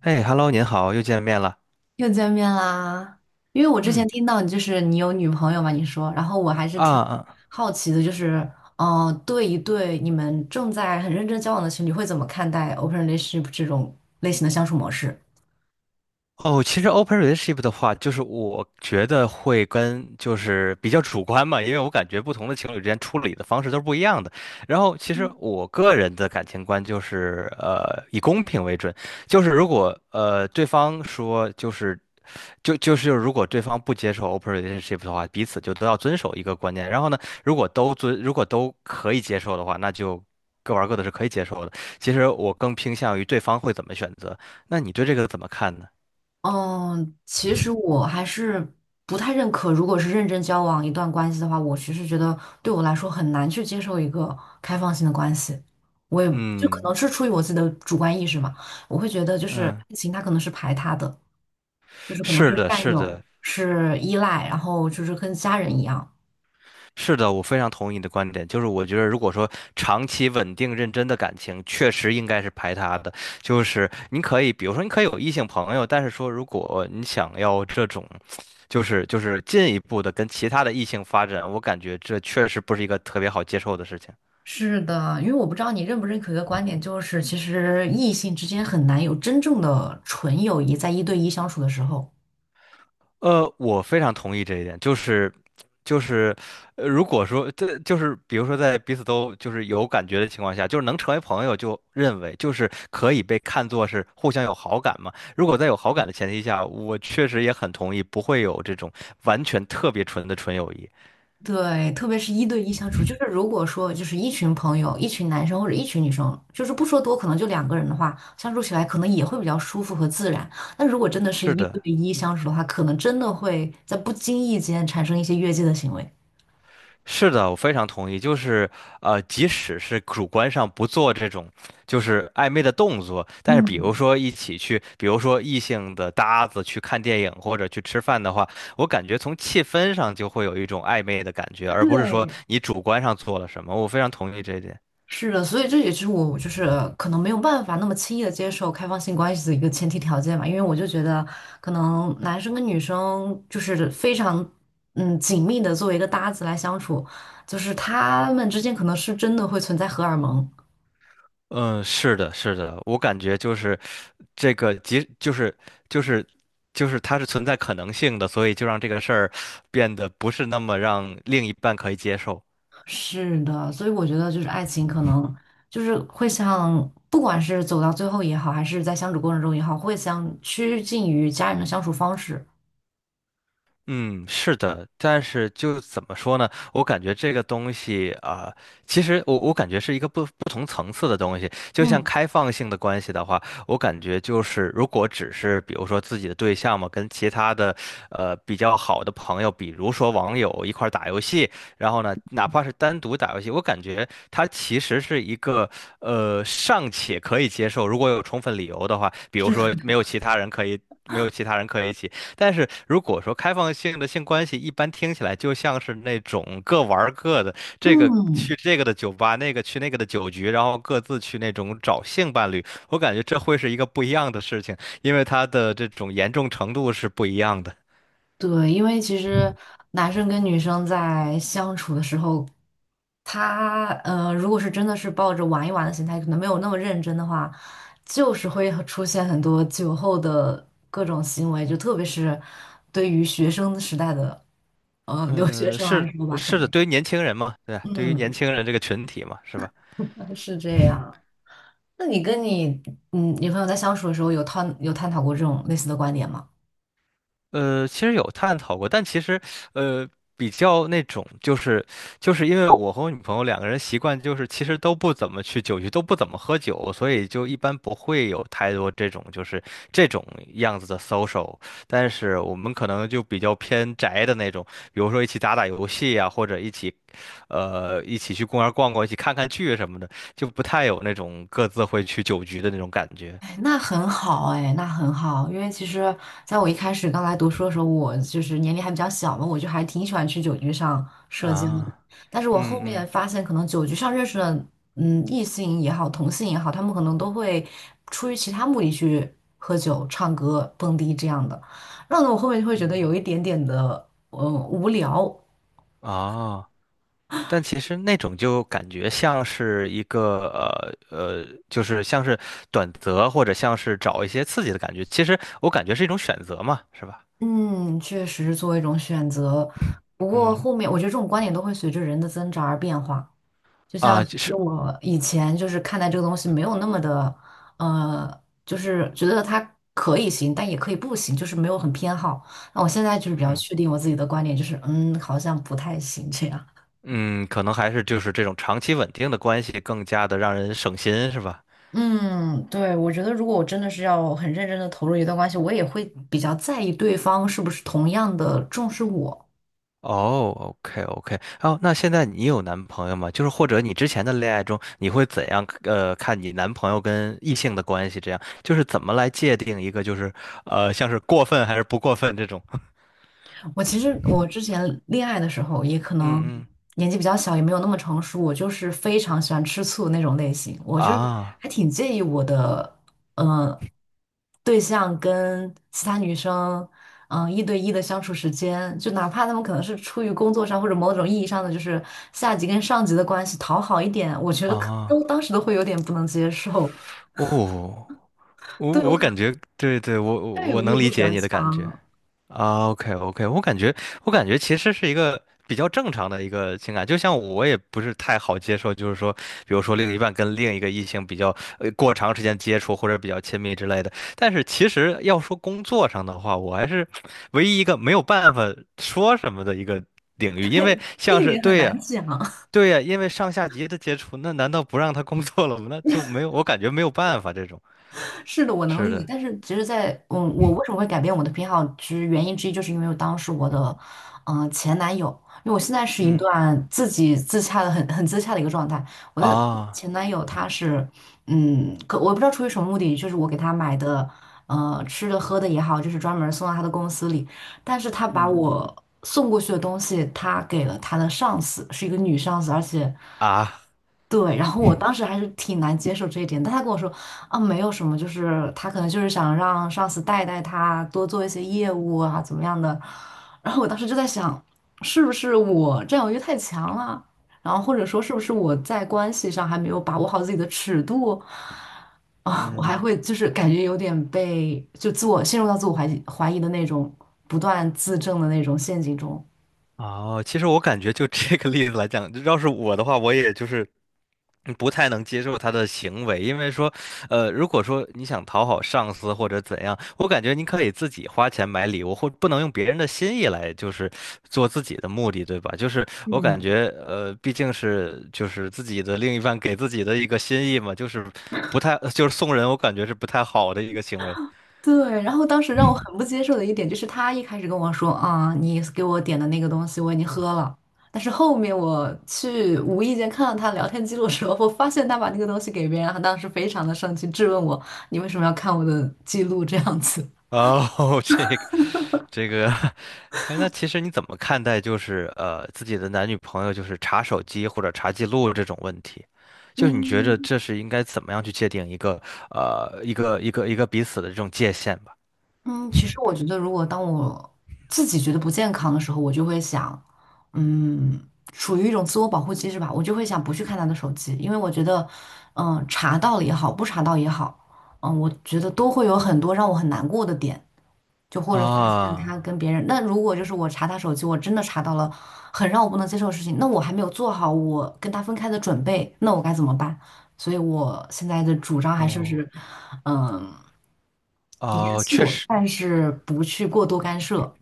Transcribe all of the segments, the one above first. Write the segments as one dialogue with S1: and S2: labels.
S1: 哎，Hello，您好，又见面了。
S2: 又见面啦！因为我之
S1: 嗯。
S2: 前听到你就是你有女朋友嘛，你说，然后我还是
S1: 啊
S2: 挺
S1: 啊。
S2: 好奇的，就是，对你们正在很认真交往的情侣会怎么看待 open relationship 这种类型的相处模式？
S1: 哦，其实 open relationship 的话，就是我觉得会跟就是比较主观嘛，因为我感觉不同的情侣之间处理的方式都是不一样的。然后，其实我个人的感情观就是以公平为准，就是如果对方说就是就是如果对方不接受 open relationship 的话，彼此就都要遵守一个观念。然后呢，如果都可以接受的话，那就各玩各的是可以接受的。其实我更偏向于对方会怎么选择，那你对这个怎么看呢？
S2: 嗯，其实我还是不太认可，如果是认真交往一段关系的话，我其实觉得对我来说很难去接受一个开放性的关系。我也就可
S1: 嗯
S2: 能是出于我自己的主观意识嘛，我会觉得就是
S1: 嗯。
S2: 爱情它可能是排他的。就是可能
S1: 是
S2: 是
S1: 的，
S2: 占
S1: 是
S2: 有，
S1: 的，
S2: 是依赖，然后就是跟家人一样。
S1: 是的，我非常同意你的观点。就是我觉得，如果说长期稳定认真的感情，确实应该是排他的。就是你可以，比如说你可以有异性朋友，但是说如果你想要这种，就是进一步的跟其他的异性发展，我感觉这确实不是一个特别好接受的事情。
S2: 是的，因为我不知道你认不认可一个观点，就是其实异性之间很难有真正的纯友谊，在一对一相处的时候。
S1: 我非常同意这一点，就是就是，如果说这就是比如说在彼此都就是有感觉的情况下，就是能成为朋友，就认为就是可以被看作是互相有好感嘛。如果在有好感的前提下，我确实也很同意，不会有这种完全特别纯的纯友谊。
S2: 对，特别是一对一相处，就是如果说就是一群朋友，一群男生或者一群女生，就是不说多，可能就两个人的话，相处起来可能也会比较舒服和自然。但如果真的是
S1: 是
S2: 一对
S1: 的。
S2: 一相处的话，可能真的会在不经意间产生一些越界的行为。
S1: 是的，我非常同意。就是，即使是主观上不做这种就是暧昧的动作，但是比如
S2: 嗯，
S1: 说一起去，比如说异性的搭子去看电影或者去吃饭的话，我感觉从气氛上就会有一种暧昧的感觉，而不是说
S2: 对。
S1: 你主观上做了什么。我非常同意这一点。
S2: 是的，所以这也是我就是可能没有办法那么轻易的接受开放性关系的一个前提条件吧，因为我就觉得可能男生跟女生就是非常紧密的作为一个搭子来相处，就是他们之间可能是真的会存在荷尔蒙。
S1: 嗯，是的，是的，我感觉就是这个，即就是就是就是它是存在可能性的，所以就让这个事儿变得不是那么让另一半可以接受。
S2: 是的，所以我觉得就是爱情可能就是会像不管是走到最后也好，还是在相处过程中也好，会像趋近于家人的相处方式。
S1: 嗯，是的，但是就怎么说呢？我感觉这个东西啊、其实我感觉是一个不同层次的东西。就像
S2: 嗯，
S1: 开放性的关系的话，我感觉就是如果只是比如说自己的对象嘛，跟其他的比较好的朋友，比如说网友一块儿打游戏，然后呢，哪怕是单独打游戏，我感觉它其实是一个尚且可以接受，如果有充分理由的话，比如
S2: 是的，
S1: 说没有其他人可以。没有其他人可以一起，但是如果说开放性的性关系，一般听起来就像是那种各玩儿各的，这个去这个的酒吧，那个去那个的酒局，然后各自去那种找性伴侣。我感觉这会是一个不一样的事情，因为它的这种严重程度是不一样的。
S2: 对，因为其实男生跟女生在相处的时候，如果是真的是抱着玩一玩的心态，可能没有那么认真的话，就是会很出现很多酒后的各种行为，就特别是对于学生时代的留学
S1: 嗯。
S2: 生来
S1: 是
S2: 说吧，可
S1: 是的，
S2: 能
S1: 对于年轻人嘛，对吧，对于年
S2: 嗯
S1: 轻人这个群体嘛，是吧？
S2: 是这样。那你跟你女朋友在相处的时候，有探讨过这种类似的观点吗？
S1: 其实有探讨过，但其实，呃，比较那种，就是因为我和我女朋友两个人习惯就是其实都不怎么去酒局，都不怎么喝酒，所以就一般不会有太多这种这种样子的 social。但是我们可能就比较偏宅的那种，比如说一起打打游戏呀、或者一起去公园逛逛，一起看看剧什么的，就不太有那种各自会去酒局的那种感觉
S2: 哎那很好哎，那很好，因为其实在我一开始刚来读书的时候，我就是年龄还比较小嘛，我就还挺喜欢去酒局上社交的。
S1: 啊。
S2: 但是我后
S1: 嗯
S2: 面
S1: 嗯
S2: 发现，可能酒局上认识的，异性也好，同性也好，他们可能都会出于其他目的去喝酒、唱歌、蹦迪这样的。那我后面就会觉得
S1: 嗯。
S2: 有一点点的，无聊。
S1: 哦。但其实那种就感觉像是一个就是像是短则或者像是找一些刺激的感觉。其实我感觉是一种选择嘛，是吧？
S2: 嗯，确实是作为一种选择，不过
S1: 嗯。
S2: 后面我觉得这种观点都会随着人的增长而变化。就像
S1: 啊，就
S2: 其实
S1: 是
S2: 我以前就是看待这个东西没有那么的，就是觉得它可以行，但也可以不行，就是没有很偏好。那我现在就是比较
S1: 嗯
S2: 确定我自己的观点，就是嗯，好像不太行这样。
S1: 嗯，可能还是就是这种长期稳定的关系更加的让人省心，是吧？
S2: 嗯，对，我觉得如果我真的是要很认真的投入一段关系，我也会比较在意对方是不是同样的重视我。
S1: 哦，OK OK。哦，那现在你有男朋友吗？就是或者你之前的恋爱中，你会怎样看你男朋友跟异性的关系？这样就是怎么来界定一个就是像是过分还是不过分这种？
S2: 我其实我之前恋爱的时候，也可
S1: 嗯
S2: 能
S1: 嗯。
S2: 年纪比较小，也没有那么成熟。我就是非常喜欢吃醋的那种类型，我就是
S1: 啊
S2: 还挺介意我的呃对象跟其他女生一对一的相处时间，就哪怕他们可能是出于工作上或者某种意义上的就是下级跟上级的关系讨好一点，我觉得可都
S1: 啊。
S2: 当时都会有点不能接受。
S1: 哦，我
S2: 对，我
S1: 我
S2: 可能
S1: 感觉对对，我我
S2: 占有
S1: 我
S2: 欲
S1: 能
S2: 会
S1: 理
S2: 比
S1: 解
S2: 较
S1: 你的感觉
S2: 强。
S1: 啊。OK OK，我感觉其实是一个比较正常的一个情感，就像我也不是太好接受，就是说，比如说另一半跟另一个异性比较过长时间接触或者比较亲密之类的。但是其实要说工作上的话，我还是唯一一个没有办法说什么的一个领域，因为
S2: 这
S1: 像
S2: 一
S1: 是
S2: 点很
S1: 对呀。
S2: 难讲。
S1: 对呀，因为上下级的接触，那难道不让他工作了吗？那就没有，我感觉没有办法这种。
S2: 是的，我能
S1: 是
S2: 理解。
S1: 的。
S2: 但是其实在，我为什么会改变我的偏好，其实原因之一就是因为我当时我的，前男友，因为我现在是一
S1: 嗯。
S2: 段自己自洽的很自洽的一个状态。我的
S1: 啊
S2: 前男友他是，可我不知道出于什么目的，就是我给他买的，吃的喝的也好，就是专门送到他的公司里，但是他把
S1: 嗯。
S2: 我送过去的东西，他给了他的上司，是一个女上司，而且。
S1: 啊。
S2: 对，然后我当时还是挺难接受这一点，但他跟我说啊，没有什么，就是他可能就是想让上司带带他，多做一些业务啊，怎么样的。然后我当时就在想，是不是我占有欲太强了？然后或者说是不是我在关系上还没有把握好自己的尺度啊？我
S1: 嗯。
S2: 还会就是感觉有点被就自我陷入到自我怀疑的那种不断自证的那种陷阱中。
S1: 哦，其实我感觉就这个例子来讲，要是我的话，我也就是不太能接受他的行为，因为说，如果说你想讨好上司或者怎样，我感觉你可以自己花钱买礼物，或不能用别人的心意来就是做自己的目的，对吧？就是我感
S2: 嗯。
S1: 觉，毕竟是就是自己的另一半给自己的一个心意嘛，就是不太就是送人，我感觉是不太好的一个行为。
S2: 对，然后当时让我很不接受的一点就是，他一开始跟我说啊，你给我点的那个东西我已经喝了，但是后面我去无意间看到他聊天记录的时候，我发现他把那个东西给别人，他当时非常的生气，质问我你为什么要看我的记录这样子。
S1: 哦，这个，哎，那其实你怎么看待就是自己的男女朋友就是查手机或者查记录这种问题？就是你觉着
S2: 嗯，
S1: 这是应该怎么样去界定一个彼此的这种界限吧？
S2: 嗯，其实我觉得，如果当我自己觉得不健康的时候，我就会想，嗯，处于一种自我保护机制吧，我就会想不去看他的手机，因为我觉得，查到了也好，不查到也好，我觉得都会有很多让我很难过的点，就或者发现他
S1: 啊。
S2: 跟别人。那如果就是我查他手机，我真的查到了很让我不能接受的事情，那我还没有做好我跟他分开的准备，那我该怎么办？所以我现在的主张还是
S1: 哦
S2: 是，嗯。严
S1: 哦，确
S2: 肃，
S1: 实。
S2: 但是不去过多干涉。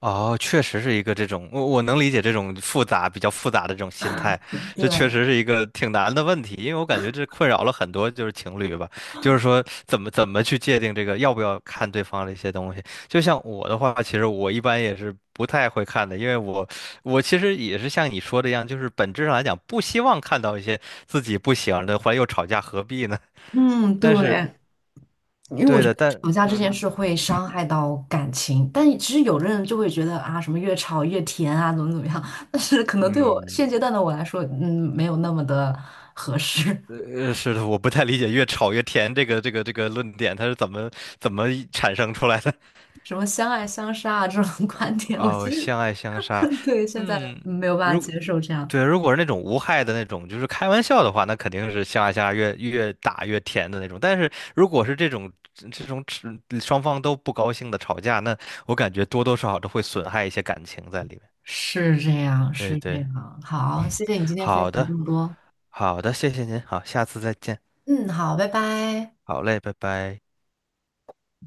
S1: 哦，确实是一个这种，我能理解这种复杂、比较复杂的这种心态，这确
S2: 对，
S1: 实是一个挺难的问题，因为我感觉这困扰了很多就是情侣吧，就是说怎么去界定这个要不要看对方的一些东西。就像我的话，其实我一般也是不太会看的，因为我其实也是像你说的一样，就是本质上来讲不希望看到一些自己不喜欢的，后来又吵架，何必呢？
S2: 嗯，对，
S1: 但是
S2: 因为我
S1: 对
S2: 觉
S1: 的，
S2: 得
S1: 但
S2: 吵架这件事会伤害到感情，但其实有的人就会觉得啊，什么越吵越甜啊，怎么怎么样，但是可能对我
S1: 嗯。
S2: 现阶段的我来说，没有那么的合适。
S1: 呃，是的，我不太理解"越吵越甜"这个这个论点，它是怎么产生出来的？
S2: 什么相爱相杀啊这种 观 点，我其
S1: 哦，
S2: 实
S1: 相爱相杀。
S2: 对现在
S1: 嗯，
S2: 没有办法接受这样。
S1: 对，如果是那种无害的那种，就是开玩笑的话，那肯定是相爱相杀越打越甜的那种。但是如果是这种只双方都不高兴的吵架，那我感觉多多少少都会损害一些感情在里面。
S2: 是这样，
S1: 对
S2: 是这
S1: 对。
S2: 样。好，谢谢你今天分
S1: 好
S2: 享
S1: 的，
S2: 这么多。
S1: 好的，谢谢您，好，下次再见，
S2: 嗯，好，拜拜。
S1: 好嘞，拜拜。